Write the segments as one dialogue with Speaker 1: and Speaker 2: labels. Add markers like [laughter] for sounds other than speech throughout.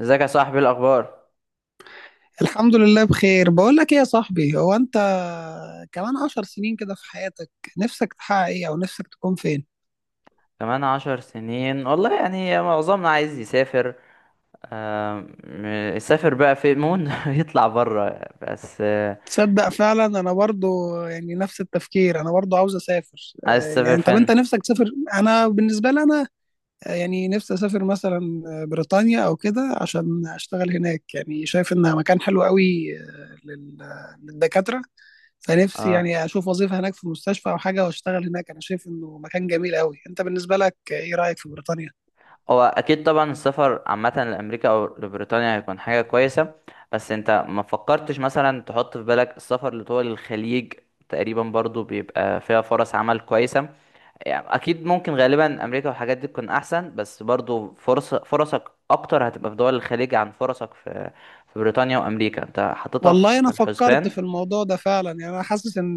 Speaker 1: ازيك يا صاحبي؟ إيه الاخبار؟
Speaker 2: الحمد لله بخير. بقول لك ايه يا صاحبي، هو انت كمان عشر سنين كده في حياتك نفسك تحقق ايه او نفسك تكون فين؟
Speaker 1: كمان عشر سنين والله، يعني معظمنا عايز يسافر، آم، يسافر بقى في مون [laughs] يطلع بره. بس
Speaker 2: تصدق فعلا انا برضو يعني نفس التفكير، انا برضو عاوز اسافر.
Speaker 1: عايز تسافر
Speaker 2: يعني طب انت
Speaker 1: فين؟
Speaker 2: نفسك تسافر؟ انا بالنسبة لي انا يعني نفسي اسافر مثلا بريطانيا او كده عشان اشتغل هناك، يعني شايف انها مكان حلو قوي للدكاترة. فنفسي
Speaker 1: اه،
Speaker 2: يعني اشوف وظيفة هناك في المستشفى او حاجة واشتغل هناك، انا شايف انه مكان جميل قوي. انت بالنسبة لك ايه رأيك في بريطانيا؟
Speaker 1: هو اكيد طبعا السفر عامه لامريكا او لبريطانيا هيكون حاجه كويسه. بس انت ما فكرتش مثلا تحط في بالك السفر لدول الخليج؟ تقريبا برضو بيبقى فيها فرص عمل كويسه. يعني اكيد ممكن غالبا امريكا والحاجات دي تكون احسن، بس برضو فرصك اكتر هتبقى في دول الخليج عن فرصك في بريطانيا وامريكا. انت حاططها
Speaker 2: والله
Speaker 1: في
Speaker 2: انا فكرت
Speaker 1: الحسبان؟
Speaker 2: في الموضوع ده فعلا، يعني انا حاسس ان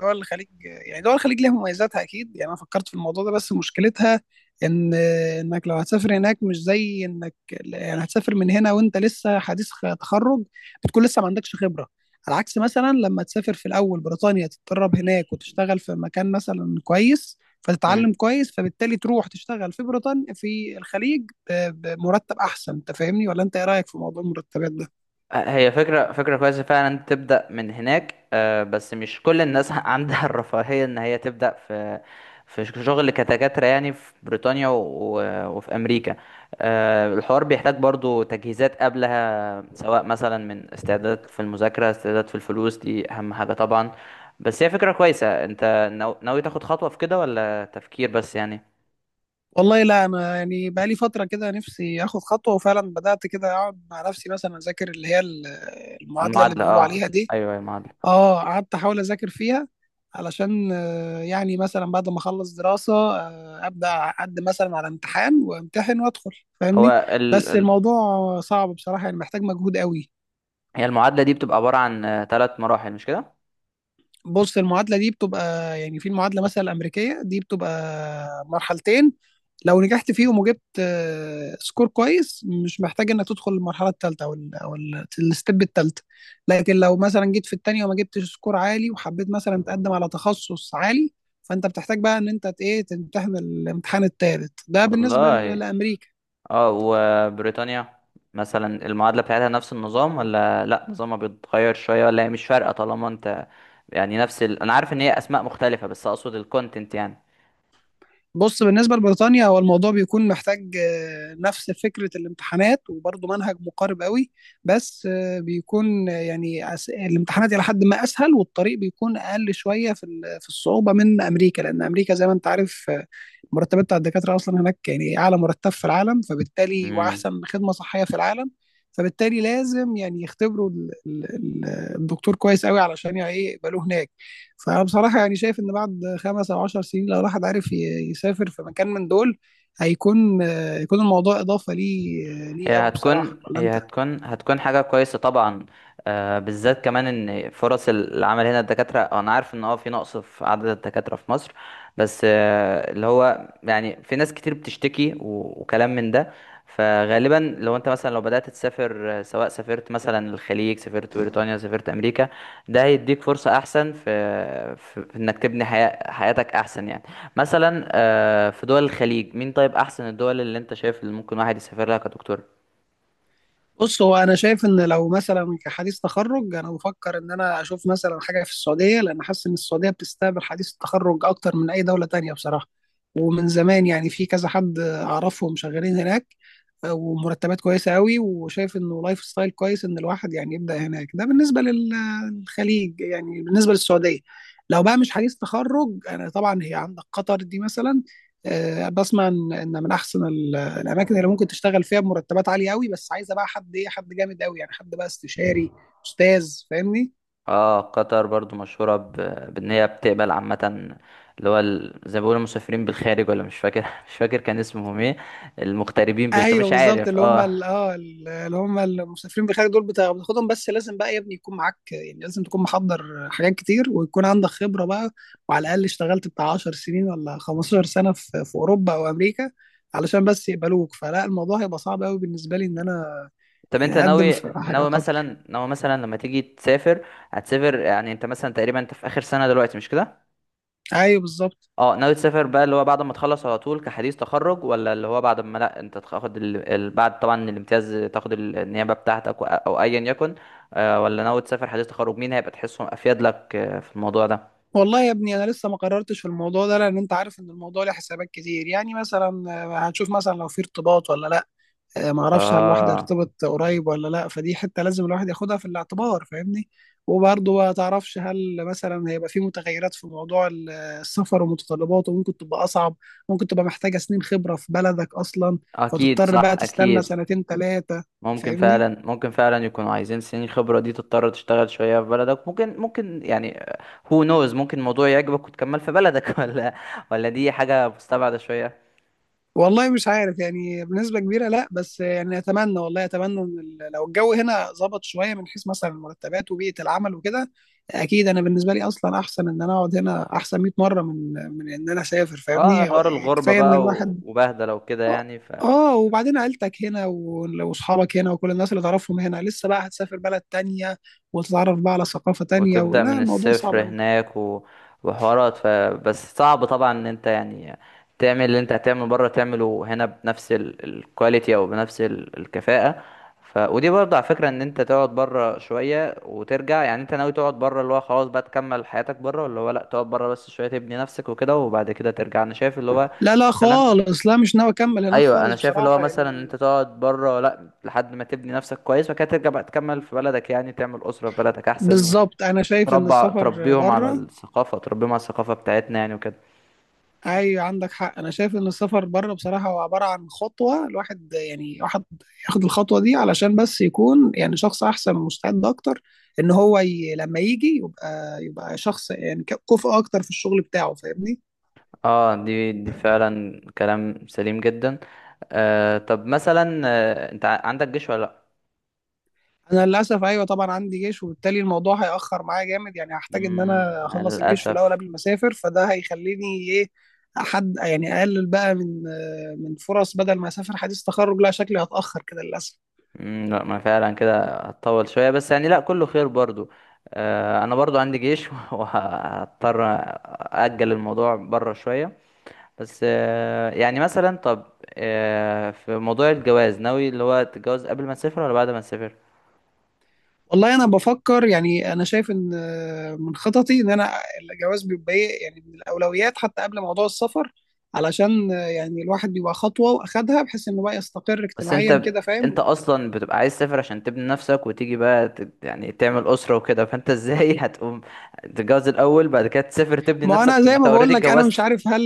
Speaker 2: دول الخليج، يعني دول الخليج ليها مميزاتها اكيد. يعني انا فكرت في الموضوع ده بس مشكلتها ان انك لو هتسافر هناك مش زي انك يعني هتسافر من هنا وانت لسه حديث تخرج، بتكون لسه ما عندكش خبرة. على عكس مثلا لما تسافر في الاول بريطانيا تتدرب هناك وتشتغل في مكان مثلا كويس فتتعلم
Speaker 1: مم.
Speaker 2: كويس، فبالتالي تروح تشتغل في بريطانيا في الخليج بمرتب احسن. انت فاهمني ولا انت ايه رايك في موضوع المرتبات ده؟
Speaker 1: هي فكرة، كويسة فعلا إن تبدأ من هناك، بس مش كل الناس [laughs] عندها الرفاهية إن هي تبدأ في شغل كدكاترة، يعني في بريطانيا وفي أمريكا. الحوار بيحتاج برضو تجهيزات قبلها، سواء مثلا من استعداد في المذاكرة، استعداد في الفلوس، دي أهم حاجة طبعا. بس هي فكرة كويسة. أنت ناوي تاخد خطوة في كده ولا تفكير بس يعني؟
Speaker 2: والله لا، انا يعني بقى لي فتره كده نفسي اخد خطوه، وفعلا بدات كده اقعد مع نفسي مثلا اذاكر اللي هي المعادله اللي
Speaker 1: المعادلة،
Speaker 2: بيقولوا
Speaker 1: اه،
Speaker 2: عليها دي.
Speaker 1: أيوه المعادلة.
Speaker 2: اه قعدت احاول اذاكر فيها علشان يعني مثلا بعد ما اخلص دراسه ابدا اقدم مثلا على امتحان وامتحن وادخل،
Speaker 1: هو
Speaker 2: فاهمني؟
Speaker 1: ال...
Speaker 2: بس
Speaker 1: ال-
Speaker 2: الموضوع صعب بصراحه، يعني محتاج مجهود قوي.
Speaker 1: هي المعادلة دي بتبقى عبارة عن ثلاث مراحل، مش كده؟
Speaker 2: بص المعادلة دي بتبقى يعني في المعادلة مثلا الأمريكية دي بتبقى مرحلتين، لو نجحت فيهم وجبت سكور كويس مش محتاج انك تدخل المرحلة الثالثة او ال او الستيب الثالثة. لكن لو مثلا جيت في الثانية وما جبتش سكور عالي وحبيت مثلا تقدم على تخصص عالي، فانت بتحتاج بقى ان انت ايه تمتحن الامتحان الثالث ده بالنسبة
Speaker 1: والله،
Speaker 2: لأمريكا.
Speaker 1: اه. وبريطانيا مثلا، المعادلة بتاعتها نفس النظام ولا لا؟ نظامها بيتغير شوية، ولا هي مش فارقة طالما انت يعني نفس انا عارف ان هي اسماء مختلفة، بس اقصد الكونتنت يعني.
Speaker 2: بص بالنسبة لبريطانيا هو الموضوع بيكون محتاج نفس فكرة الامتحانات وبرضه منهج مقارب قوي. بس بيكون يعني الامتحانات إلى حد ما أسهل والطريق بيكون أقل شوية في في الصعوبة من أمريكا، لأن أمريكا زي ما أنت عارف المرتبات بتاع الدكاترة أصلا هناك يعني أعلى مرتب في العالم، فبالتالي
Speaker 1: امم،
Speaker 2: وأحسن خدمة صحية في العالم. فبالتالي لازم يعني يختبروا الدكتور كويس قوي علشان يعني إيه يقبلوه هناك. فانا بصراحه يعني شايف ان بعد خمس او عشر سنين لو الواحد عارف يسافر في مكان من دول هيكون يكون الموضوع اضافه ليه ليه
Speaker 1: هي
Speaker 2: قوي بصراحه،
Speaker 1: هتكون
Speaker 2: ولا انت؟
Speaker 1: هي هتكون هتكون حاجة كويسة طبعا. آه، بالذات كمان ان فرص العمل هنا الدكاترة، انا عارف ان اه في نقص في عدد الدكاترة في مصر. بس آه، اللي هو يعني في ناس كتير بتشتكي وكلام من ده. فغالبا لو انت مثلا لو بدأت تسافر، سواء سافرت مثلا الخليج، سافرت بريطانيا، سافرت امريكا، ده هيديك فرصة احسن في، في انك تبني حياتك احسن يعني. مثلا آه، في دول الخليج، مين طيب احسن الدول اللي انت شايف اللي ممكن واحد يسافر لها كدكتور؟
Speaker 2: بص هو انا شايف ان لو مثلا كحديث تخرج، انا بفكر ان انا اشوف مثلا حاجه في السعوديه لان حاسس ان السعوديه بتستقبل حديث التخرج اكتر من اي دوله تانية بصراحه. ومن زمان يعني في كذا حد اعرفهم شغالين هناك ومرتبات كويسه قوي، وشايف انه لايف ستايل كويس ان الواحد يعني يبدا هناك. ده بالنسبه للخليج، يعني بالنسبه للسعوديه. لو بقى مش حديث تخرج، انا طبعا هي عندك قطر دي مثلا، بسمع ان إن من احسن الاماكن اللي ممكن تشتغل فيها بمرتبات عاليه قوي، بس عايزه بقى حد ايه حد جامد قوي، يعني حد بقى استشاري استاذ، فاهمني؟
Speaker 1: اه، قطر برضو مشهورة بان هي بتقبل عامة زي ما بيقولوا مسافرين بالخارج، ولا مش فاكر [laughs] مش فاكر كان اسمهم ايه؟ المغتربين بالخارج،
Speaker 2: ايوه
Speaker 1: مش
Speaker 2: بالظبط،
Speaker 1: عارف،
Speaker 2: اللي هم
Speaker 1: اه.
Speaker 2: اه اللي هم المسافرين بالخارج دول بتاخدهم، بس لازم بقى يا ابني يكون معاك، يعني لازم تكون محضر حاجات كتير ويكون عندك خبره بقى، وعلى الاقل اشتغلت بتاع 10 سنين ولا 15 سنه في اوروبا او امريكا علشان بس يقبلوك. فلا، الموضوع هيبقى صعب قوي بالنسبه لي ان انا
Speaker 1: طب انت
Speaker 2: يعني اقدم في حاجه قطر.
Speaker 1: ناوي مثلا لما تيجي تسافر، هتسافر يعني؟ انت مثلا تقريبا انت في اخر سنة دلوقتي، مش كده؟
Speaker 2: ايوه بالظبط.
Speaker 1: اه، ناوي تسافر بقى اللي هو بعد ما تخلص على طول كحديث تخرج، ولا اللي هو بعد ما، لا، انت تاخد بعد طبعا الامتياز، تاخد النيابة بتاعتك او ايا يكن؟ ولا ناوي تسافر حديث تخرج؟ مين هيبقى تحسهم افيد لك في الموضوع ده؟
Speaker 2: والله يا ابني انا لسه ما قررتش في الموضوع ده، لان انت عارف ان الموضوع له حسابات كتير. يعني مثلا هنشوف مثلا لو في ارتباط ولا لا. ما اعرفش هل الواحد
Speaker 1: اه
Speaker 2: هيرتبط قريب ولا لا، فدي حته لازم الواحد ياخدها في الاعتبار، فاهمني؟ وبرضه ما تعرفش هل مثلا هيبقى في متغيرات في موضوع السفر ومتطلباته، ممكن تبقى اصعب، ممكن تبقى محتاجه سنين خبره في بلدك اصلا،
Speaker 1: اكيد،
Speaker 2: فتضطر
Speaker 1: صح
Speaker 2: بقى تستنى
Speaker 1: اكيد.
Speaker 2: سنتين ثلاثه،
Speaker 1: ممكن
Speaker 2: فاهمني؟
Speaker 1: فعلا، ممكن فعلا يكونوا عايزين سنين خبرة دي، تضطر تشتغل شوية في بلدك، ممكن يعني. هو نوز ممكن الموضوع يعجبك وتكمل في بلدك [laughs] ولا دي حاجة مستبعدة شوية؟
Speaker 2: والله مش عارف يعني بنسبة كبيرة لا، بس يعني أتمنى والله أتمنى إن لو الجو هنا ظبط شوية من حيث مثلا المرتبات وبيئة العمل وكده، أكيد أنا بالنسبة لي أصلا أحسن إن أنا أقعد هنا أحسن 100 مرة من إن أنا أسافر،
Speaker 1: اه،
Speaker 2: فاهمني؟
Speaker 1: حوار الغربة
Speaker 2: كفاية إن
Speaker 1: بقى
Speaker 2: الواحد
Speaker 1: وبهدلة وكده
Speaker 2: آه
Speaker 1: يعني.
Speaker 2: وبعدين عيلتك هنا وأصحابك هنا وكل الناس اللي تعرفهم هنا، لسه بقى هتسافر بلد تانية وتتعرف بقى على ثقافة تانية،
Speaker 1: وتبدأ
Speaker 2: ولا
Speaker 1: من
Speaker 2: الموضوع صعب
Speaker 1: الصفر
Speaker 2: أوي.
Speaker 1: هناك وحوارات بس صعب طبعا ان انت يعني تعمل اللي انت هتعمله بره تعمله هنا بنفس الكواليتي او بنفس الكفاءة. ودي برضه على فكرة ان انت تقعد بره شوية وترجع. يعني انت ناوي تقعد بره اللي هو خلاص بقى تكمل حياتك بره، ولا هو لا، تقعد بره بس شوية تبني نفسك وكده وبعد كده ترجع؟ انا شايف اللي هو
Speaker 2: لا لا
Speaker 1: مثلا،
Speaker 2: خالص، لا مش ناوي أكمل هناك
Speaker 1: ايوه انا
Speaker 2: خالص
Speaker 1: شايف اللي هو
Speaker 2: بصراحة
Speaker 1: مثلا ان
Speaker 2: يعني.
Speaker 1: انت تقعد بره لا لحد ما تبني نفسك كويس، وبعد كده ترجع بقى تكمل في بلدك يعني. تعمل أسرة في بلدك احسن،
Speaker 2: بالظبط، انا شايف ان السفر
Speaker 1: تربيهم على
Speaker 2: بره.
Speaker 1: الثقافة، تربيهم على الثقافة بتاعتنا يعني وكده.
Speaker 2: ايوه عندك حق، انا شايف ان السفر بره بصراحه هو عباره عن خطوه، الواحد يعني واحد ياخد الخطوه دي علشان بس يكون يعني شخص احسن ومستعد اكتر، ان هو لما يجي يبقى شخص يعني كفء اكتر في الشغل بتاعه، فاهمني؟
Speaker 1: اه، دي فعلا كلام سليم جدا. آه طب مثلا، آه، انت عندك جيش ولا لا؟
Speaker 2: انا للاسف ايوه طبعا عندي جيش، وبالتالي الموضوع هياخر معايا جامد، يعني هحتاج ان
Speaker 1: مم،
Speaker 2: انا
Speaker 1: مع
Speaker 2: اخلص الجيش في الاول
Speaker 1: للأسف.
Speaker 2: قبل ما اسافر. فده هيخليني ايه حد يعني اقلل بقى من فرص. بدل ما اسافر حديث تخرج، لا شكلي هتاخر كده للاسف.
Speaker 1: مم، لا، ما فعلا كده هتطول شوية. بس يعني لا، كله خير برضو. آه، انا برضو عندي جيش [laughs] وهضطر أأجل الموضوع بره شوية. بس آه، يعني مثلا، طب، آه، في موضوع الجواز، ناوي اللي هو تتجوز قبل ما تسافر ولا بعد ما تسافر؟
Speaker 2: والله انا بفكر يعني انا شايف ان من خططي ان انا الجواز بيبقى إيه يعني من الاولويات حتى قبل موضوع السفر، علشان يعني الواحد بيبقى خطوه واخدها بحيث انه بقى يستقر
Speaker 1: بس انت
Speaker 2: اجتماعيا
Speaker 1: ب...
Speaker 2: كده،
Speaker 1: انت
Speaker 2: فاهم؟
Speaker 1: اصلا بتبقى عايز تسافر عشان تبني نفسك وتيجي بقى يعني تعمل اسره وكده. فانت ازاي [laughs] هتقوم تتجوز الاول بعد كده تسافر تبني
Speaker 2: ما
Speaker 1: نفسك؟
Speaker 2: انا
Speaker 1: طب ما
Speaker 2: زي
Speaker 1: انت
Speaker 2: ما
Speaker 1: اوريدي
Speaker 2: بقول لك انا مش
Speaker 1: اتجوزت.
Speaker 2: عارف هل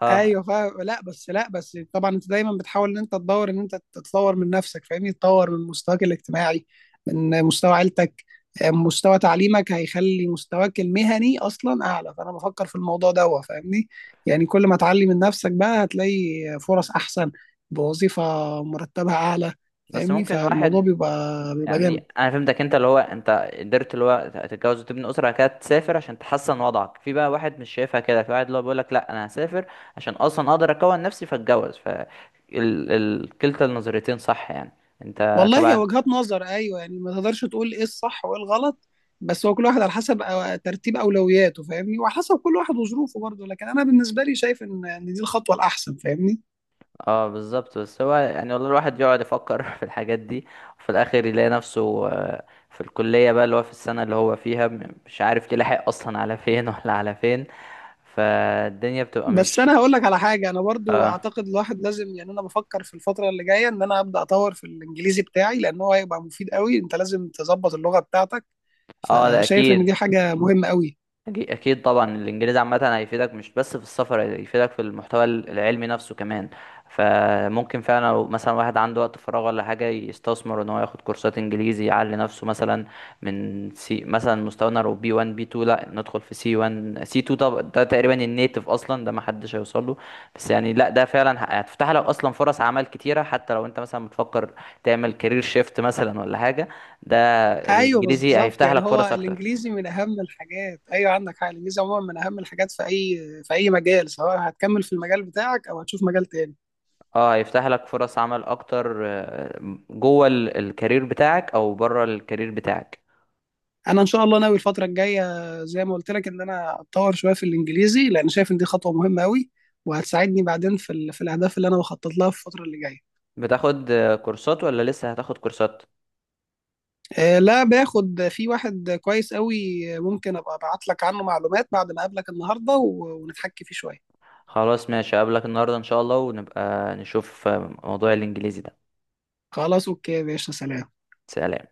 Speaker 1: اه،
Speaker 2: ايوه فاهم. لا بس، لا بس طبعا انت دايما بتحاول ان انت تدور ان انت تتطور من نفسك، فاهمني؟ تطور من مستواك الاجتماعي من مستوى عيلتك، مستوى تعليمك هيخلي مستواك المهني اصلا اعلى، فانا بفكر في الموضوع ده فاهمني. يعني كل ما تعلي من نفسك بقى هتلاقي فرص احسن بوظيفة مرتبها اعلى،
Speaker 1: بس
Speaker 2: فاهمني؟
Speaker 1: ممكن
Speaker 2: فالموضوع
Speaker 1: واحد
Speaker 2: بيبقى جامد.
Speaker 1: يعني. انا فهمتك انت اللي هو، انت قدرت اللي هو تتجوز وتبني اسره بعد كده تسافر عشان تحسن وضعك. في بقى واحد مش شايفها كده، في واحد اللي هو بيقول لك لا، انا هسافر عشان اصلا اقدر اكون نفسي فاتجوز. كلتا النظريتين صح يعني، انت
Speaker 2: والله هي
Speaker 1: تبع.
Speaker 2: وجهات نظر، ايوه يعني ما تقدرش تقول ايه الصح وايه الغلط، بس هو كل واحد على حسب ترتيب اولوياته، فاهمني؟ وعلى حسب كل واحد وظروفه برضه، لكن انا بالنسبه لي شايف ان دي الخطوه الاحسن، فاهمني؟
Speaker 1: اه بالظبط. بس هو يعني، والله الواحد يقعد يفكر [laughs] في الحاجات دي، وفي الاخر يلاقي نفسه في الكلية بقى اللي هو في السنة اللي هو فيها، مش عارف يلاحق اصلا على فين [laughs] ولا على فين. فالدنيا بتبقى
Speaker 2: بس
Speaker 1: مش...
Speaker 2: انا هقول لك على حاجه، انا برضه اعتقد الواحد لازم يعني انا بفكر في الفتره اللي جايه ان انا ابدا اطور في الانجليزي بتاعي، لان هو هيبقى مفيد قوي، انت لازم تظبط اللغه بتاعتك.
Speaker 1: اه ده
Speaker 2: فشايف ان دي
Speaker 1: اكيد.
Speaker 2: حاجه مهمه قوي.
Speaker 1: اكيد طبعا الانجليزي عامه هيفيدك، مش بس في السفر، هيفيدك في المحتوى العلمي نفسه كمان. فممكن فعلا لو مثلا واحد عنده وقت فراغ ولا حاجه، يستثمر ان هو ياخد كورسات انجليزي يعلي نفسه. مثلا من سي، مثلا مستوانا لو بي 1 بي 2، لا ندخل في سي 1 سي 2. طب ده تقريبا النيتف اصلا، ده ما حدش هيوصل له. بس يعني لا، ده فعلا هتفتح لك اصلا فرص عمل كتيره، حتى لو انت مثلا بتفكر تعمل كارير شيفت مثلا ولا حاجه. ده
Speaker 2: ايوه
Speaker 1: الانجليزي
Speaker 2: بالظبط،
Speaker 1: هيفتح
Speaker 2: يعني
Speaker 1: لك
Speaker 2: هو
Speaker 1: فرص اكتر.
Speaker 2: الانجليزي من اهم الحاجات. ايوه عندك حق، الانجليزي عموما من اهم الحاجات في اي في اي مجال، سواء هتكمل في المجال بتاعك او هتشوف مجال تاني.
Speaker 1: اه هيفتح لك فرص عمل اكتر، جوه الكارير بتاعك او بره الكارير بتاعك.
Speaker 2: انا ان شاء الله ناوي الفتره الجايه زي ما قلت لك ان انا اتطور شويه في الانجليزي، لان شايف ان دي خطوه مهمه قوي وهتساعدني بعدين في ال... في الاهداف اللي انا بخطط لها في الفتره اللي جايه.
Speaker 1: بتاخد كورسات ولا لسه هتاخد كورسات؟
Speaker 2: لا باخد في واحد كويس قوي، ممكن ابقى ابعت لك عنه معلومات بعد ما اقابلك النهارده و... ونتحكي فيه شويه.
Speaker 1: خلاص ماشي، اقابلك النهارده ان شاء الله، ونبقى نشوف موضوع الانجليزي ده.
Speaker 2: خلاص اوكي يا باشا، سلام.
Speaker 1: سلام.